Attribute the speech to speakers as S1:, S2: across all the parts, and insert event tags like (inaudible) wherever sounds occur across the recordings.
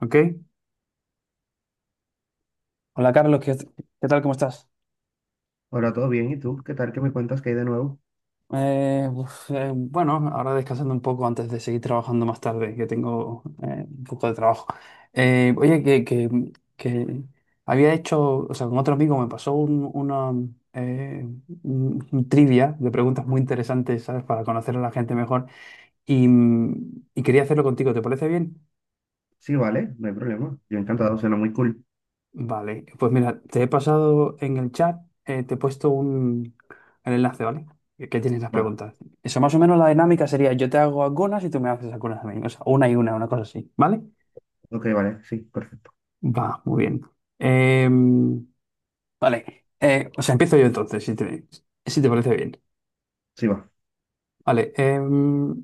S1: Ok. Hola Carlos, qué tal? ¿Cómo estás?
S2: Hola, ¿todo bien? ¿Y tú? ¿Qué tal? ¿Qué me cuentas que hay de nuevo?
S1: Bueno, ahora descansando un poco antes de seguir trabajando más tarde, que tengo un poco de trabajo. Oye, que había hecho, o sea, con otro amigo me pasó una eh, un trivia de preguntas muy interesantes, ¿sabes? Para conocer a la gente mejor y, y quería hacerlo contigo, ¿te parece bien?
S2: Sí, vale, no hay problema. Yo encantado, suena muy cool.
S1: Vale, pues mira, te he pasado en el chat, te he puesto el enlace, ¿vale? Que tienes las
S2: Va,
S1: preguntas. Eso más o menos la dinámica sería yo te hago algunas y tú me haces algunas a mí. O sea, una y una, una cosa así, ¿vale?
S2: ok, vale, sí, perfecto.
S1: Va, muy bien. Em, vale, o sea, empiezo yo entonces, si te parece bien.
S2: Sí, va.
S1: Vale, em,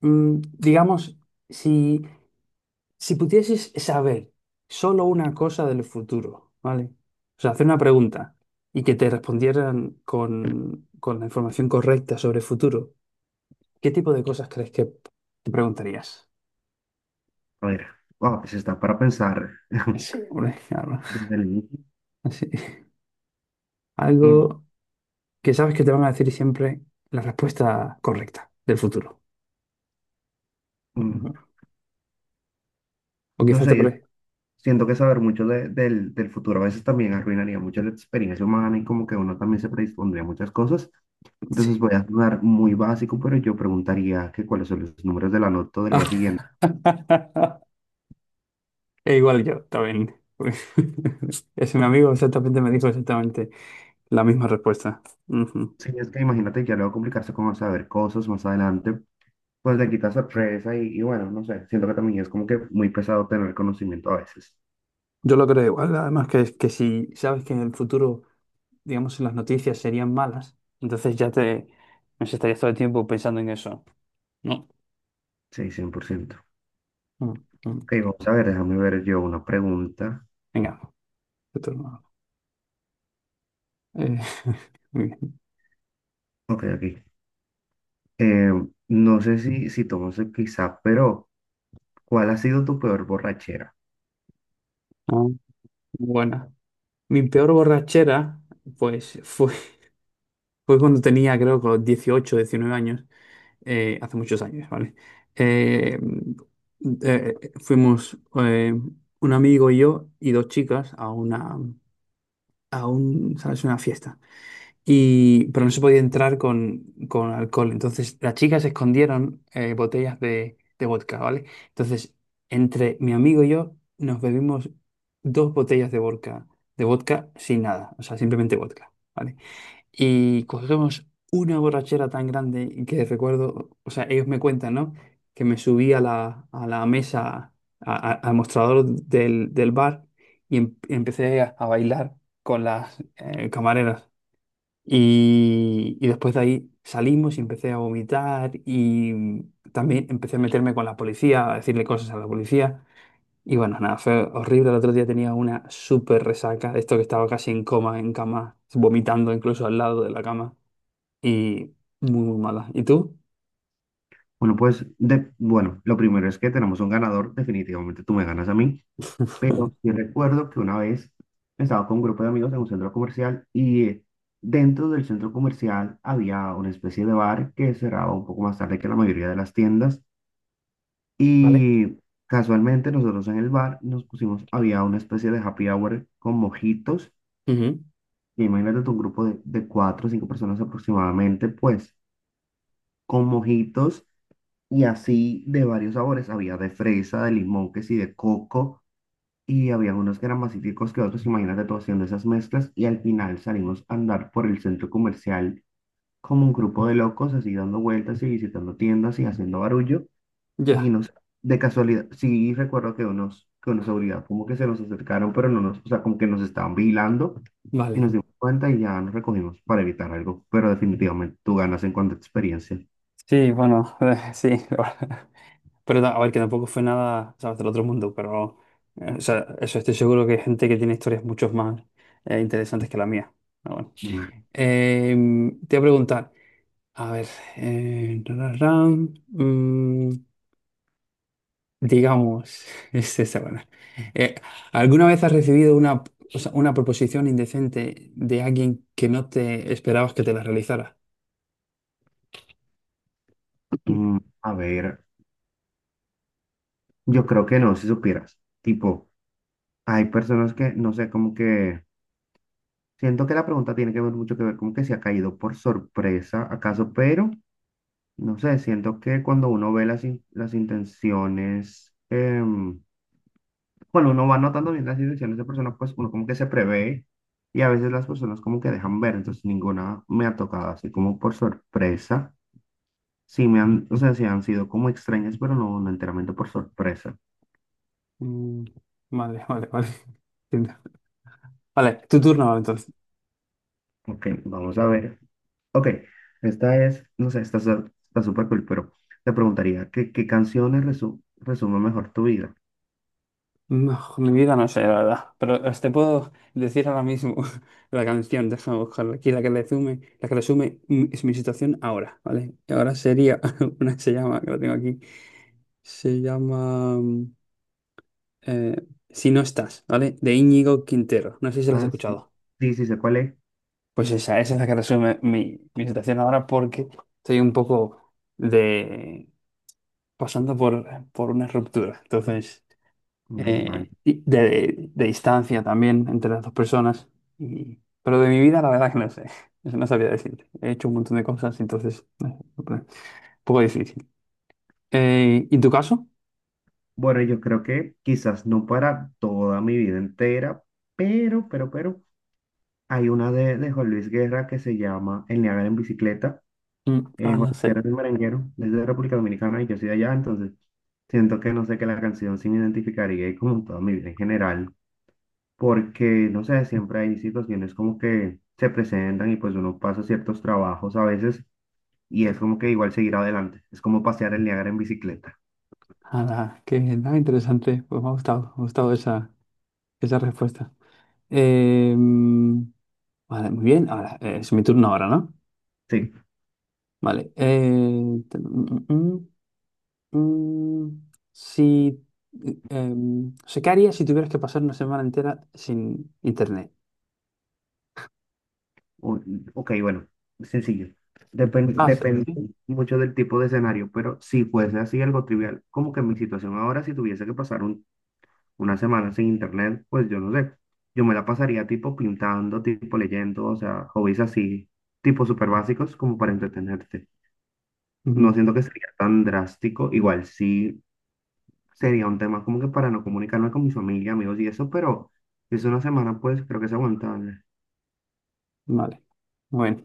S1: mm, digamos, si Si pudieses saber solo una cosa del futuro, ¿vale? O sea, hacer una pregunta y que te respondieran con la información correcta sobre el futuro, ¿qué tipo de cosas crees que te preguntarías?
S2: A ver, wow, pues está para pensar (laughs)
S1: Sí, (laughs) hombre, claro.
S2: desde el inicio.
S1: Sí.
S2: Mm,
S1: Algo que sabes que te van a decir siempre la respuesta correcta del futuro.
S2: mm,
S1: Ujú. O
S2: No
S1: quizás te
S2: sé, yo
S1: pre...
S2: siento que saber mucho del futuro a veces también arruinaría mucho la experiencia humana y como que uno también se predispondría a muchas cosas.
S1: Sí.
S2: Entonces voy a sonar muy básico, pero yo preguntaría que cuáles son los números de la nota del día siguiente.
S1: (laughs) E igual yo también. (laughs) Es un amigo exactamente me dijo exactamente. La misma respuesta. Ujú.
S2: Sí, es que imagínate, ya luego complicarse con saber cosas más adelante. Pues le quita sorpresa y bueno, no sé, siento que también es como que muy pesado tener conocimiento a veces.
S1: Yo lo creo igual. Además, que si sabes que en el futuro, digamos, si las noticias serían malas, entonces ya te no sé, estarías todo el tiempo pensando en eso. No.
S2: Sí, 100%.
S1: Mm, mm.
S2: Ok, vamos a ver, déjame ver yo una pregunta.
S1: Venga, tu turno. Eh, (laughs) muy bien.
S2: Ok, aquí. No sé si tomas el quizá, pero ¿cuál ha sido tu peor borrachera?
S1: Ah, buena. Mi peor borrachera, pues fue. Fue cuando tenía, creo, con los 18, 19 años, hace muchos años, ¿vale? Eh, eh, fuimos un amigo y yo y dos chicas a una, a un, ¿sabes? Una fiesta. Y, pero no se podía entrar con alcohol. Entonces las chicas escondieron botellas de vodka, ¿vale? Entonces, entre mi amigo y yo nos bebimos dos botellas de vodka sin nada, o sea, simplemente vodka. ¿Vale? Y cogemos una borrachera tan grande que recuerdo, o sea, ellos me cuentan, ¿no? Que me subí a a la mesa, al mostrador del bar y empecé a bailar con las camareras. Y después de ahí salimos y empecé a vomitar y también empecé a meterme con la policía, a decirle cosas a la policía. Y bueno, nada, fue horrible. El otro día tenía una súper resaca, de esto que estaba casi en coma, en cama, vomitando incluso al lado de la cama y muy, muy mala. ¿Y tú?
S2: Bueno, pues, de, bueno, lo primero es que tenemos un ganador, definitivamente tú me ganas a mí. Pero sí recuerdo que una vez estaba con un grupo de amigos en un centro comercial y dentro del centro comercial había una especie de bar que cerraba un poco más tarde que la mayoría de las tiendas
S1: ¿Vale?
S2: y casualmente nosotros en el bar nos pusimos, había una especie de happy hour con mojitos
S1: (laughs) Ujú.
S2: y imagínate tú, un grupo de cuatro o cinco personas aproximadamente pues con mojitos y así de varios sabores, había de fresa, de limón, que sí, de coco. Y había unos que eran más cítricos que otros, imagínate tú haciendo esas mezclas y al final salimos a andar por el centro comercial como un grupo de locos, así dando vueltas y visitando tiendas y haciendo barullo y
S1: Ya,
S2: nos, de casualidad, sí recuerdo que unos seguridad como que se nos acercaron, pero no nos, o sea, como que nos estaban vigilando y
S1: vale.
S2: nos dimos cuenta y ya nos recogimos para evitar algo, pero definitivamente tú ganas en cuanto a experiencia.
S1: Sí, bueno, (laughs) sí, la verdad. (laughs) Pero a ver, que tampoco fue nada, ¿sabes? Del otro mundo, pero o sea, eso estoy seguro que hay gente que tiene historias mucho más interesantes que la mía. Pero bueno.
S2: Mm,
S1: Eh, te voy a preguntar, a ver, eh, ra, ra, ra, mm, digamos, (laughs) es esa, bueno. Eh, ¿Alguna vez has recibido una, o sea, una proposición indecente de alguien que no te esperabas que te la realizara?
S2: A ver, yo creo que no, si supieras, tipo, hay personas que, no sé, como que siento que la pregunta tiene que ver mucho que ver como que se ha caído por sorpresa, acaso, pero no sé, siento que cuando uno ve las, las intenciones, em, cuando uno va notando bien las intenciones de personas, pues uno como que se prevé y a veces las personas como que dejan ver, entonces ninguna me ha tocado así como por sorpresa. Sí me han, o sea, sí han sido como extrañas, pero no, no enteramente por sorpresa.
S1: Mm, vale, (laughs) vale, vale. Entiendo. Vale, tu turno ahora, entonces.
S2: Ok, vamos a ver. Ok, esta es, no sé, está súper cool, pero te preguntaría, ¿qué, qué canciones resumen mejor tu vida?
S1: No, mi vida no sé, la verdad. Pero os te puedo decir ahora mismo (laughs) la canción, déjame buscarla aquí, la que resume es mi situación ahora, ¿vale? Y ahora sería, (laughs) una que se llama, que la tengo aquí, se llama... eh, Si no estás, ¿vale? De Íñigo Quintero. No sé si lo has
S2: Ah, sí.
S1: escuchado.
S2: Sí, sí, sé cuál es.
S1: Pues esa es la que resume mi, mi situación ahora porque estoy un poco de pasando por una ruptura. Entonces,
S2: Mm, vale.
S1: y de distancia también entre las dos personas. Y- pero de mi vida, la verdad que no sé. (laughs) Eso no sabía decirte. He hecho un montón de cosas, entonces, no sé, un poco difícil. ¿Y en tu caso?
S2: Bueno, yo creo que quizás no para toda mi vida entera, pero, pero, hay una de Juan Luis Guerra que se llama El Niágara en bicicleta.
S1: Mm, ah,
S2: Juan
S1: no
S2: Luis Guerra
S1: sé.
S2: es un merenguero, es de República Dominicana y yo soy de allá, entonces siento que no sé que la canción sí me identificaría y como toda mi vida en general. Porque, no sé, siempre hay situaciones como que se presentan y pues uno pasa ciertos trabajos a veces y es como que igual seguir adelante, es como pasear el Niágara en bicicleta.
S1: Nada, qué nada interesante. Pues me ha gustado esa, esa respuesta. Em, vale, muy bien. Ahora, es mi turno ahora, ¿no?
S2: Sí,
S1: Vale. Te- mm, mm, mm, mm. si, em, o sea, ¿qué harías si tuvieras que pasar una semana entera sin internet?
S2: o- ok, bueno, sencillo. Depende,
S1: Ah, sí,
S2: depende
S1: sí.
S2: mucho del tipo de escenario, pero si fuese así algo trivial, como que mi situación ahora, si tuviese que pasar una semana sin internet, pues yo no sé, yo me la pasaría tipo pintando, tipo leyendo, o sea, hobbies así, tipo súper básicos como para entretenerte. No
S1: Ujú,
S2: siento que sería tan drástico. Igual sí sería un tema como que para no comunicarme con mi familia, amigos y eso, pero si es una semana, pues creo que es aguantable.
S1: vale. Bueno,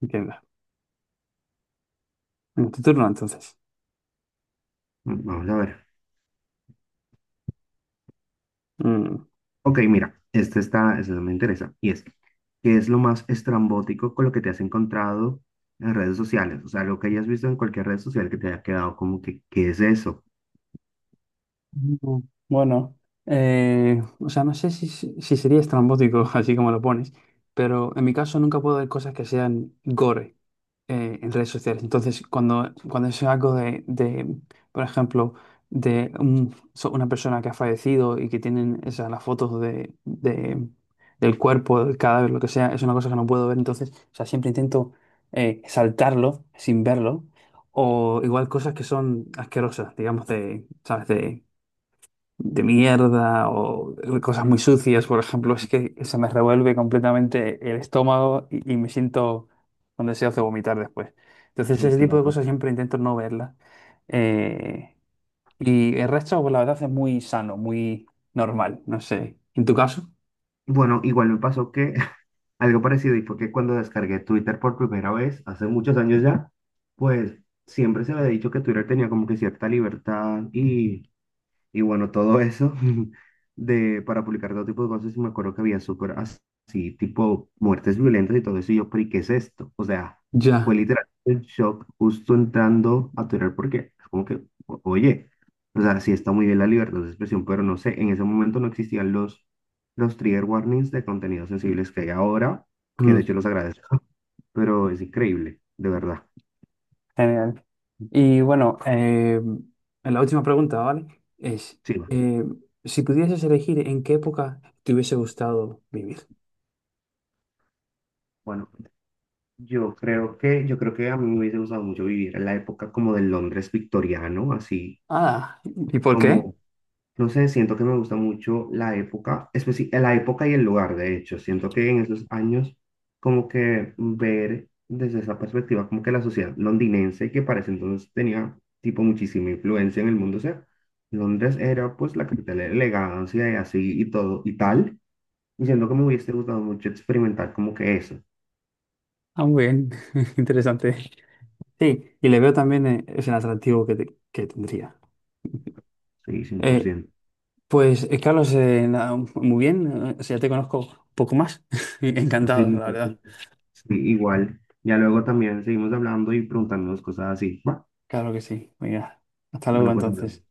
S1: entiendo. En tu turno, entonces.
S2: Mm, vamos a ver.
S1: Mm.
S2: Ok, mira, este está, este me interesa. Y es, ¿qué es lo más estrambótico con lo que te has encontrado en redes sociales? O sea, lo que hayas visto en cualquier red social que te haya quedado como que, ¿qué es eso?
S1: Mm, bueno, o sea, no sé si si sería estrambótico, (laughs) así como lo pones, pero en mi caso nunca puedo ver cosas que sean gore en redes sociales. Entonces, cuando es algo por ejemplo, de una persona que ha fallecido y que tienen esas, las fotos del cuerpo, del cadáver, lo que sea, es una cosa que no puedo ver. Entonces, o sea, siempre intento saltarlo sin verlo. O igual cosas que son asquerosas, digamos, de, ¿sabes? De mierda o de cosas muy sucias, por ejemplo, es que se me revuelve completamente el estómago y me siento con deseos de vomitar después. Entonces,
S2: Sí,
S1: ese tipo de
S2: claro.
S1: cosas siempre intento no verlas. Eh, y el resto, pues la verdad, es muy sano, muy normal, no sé. ¿En tu caso?
S2: Bueno, igual me pasó que algo parecido, y fue que cuando descargué Twitter por primera vez, hace muchos años ya, pues siempre se me había dicho que Twitter tenía como que cierta libertad y bueno, todo eso (laughs) de, para publicar todo tipo de cosas, y me acuerdo que había así, tipo muertes violentas y todo eso, y yo, pero ¿y qué es esto? O sea, fue
S1: Ya.
S2: literalmente el shock justo entrando a Twitter porque es como que, oye, o sea, sí está muy bien la libertad de expresión, pero no sé, en ese momento no existían los trigger warnings de contenidos sensibles que hay ahora, que de
S1: Mm.
S2: hecho los agradezco, (laughs) pero es increíble, de verdad.
S1: Genial. Y bueno, la última pregunta, ¿vale? Es,
S2: Sí, va.
S1: eh, si pudieses elegir en qué época te hubiese gustado vivir.
S2: Bueno. Yo creo que a mí me hubiese gustado mucho vivir en la época como del Londres victoriano, así
S1: Ah, ¿y por qué?
S2: como, no sé, siento que me gusta mucho la época, la época y el lugar, de hecho, siento que en esos años como que ver desde esa perspectiva como que la sociedad londinense que para ese entonces tenía tipo muchísima influencia en el mundo, o sea, Londres era pues la capital de la elegancia y así y todo y tal, y siento que me hubiese gustado mucho experimentar como que eso,
S1: Ah, muy bien, (laughs) interesante. Sí, y le veo también es el atractivo que, que tendría.
S2: sí, cien por
S1: Eh,
S2: ciento.
S1: pues Carlos, nada, muy bien, o sea, ya te conozco un poco más. (laughs) Encantado,
S2: Sí,
S1: la
S2: pues,
S1: verdad.
S2: sí, igual. Ya luego también seguimos hablando y preguntándonos cosas así.
S1: Claro que sí. Venga, hasta luego
S2: Bueno, pues ahora.
S1: entonces.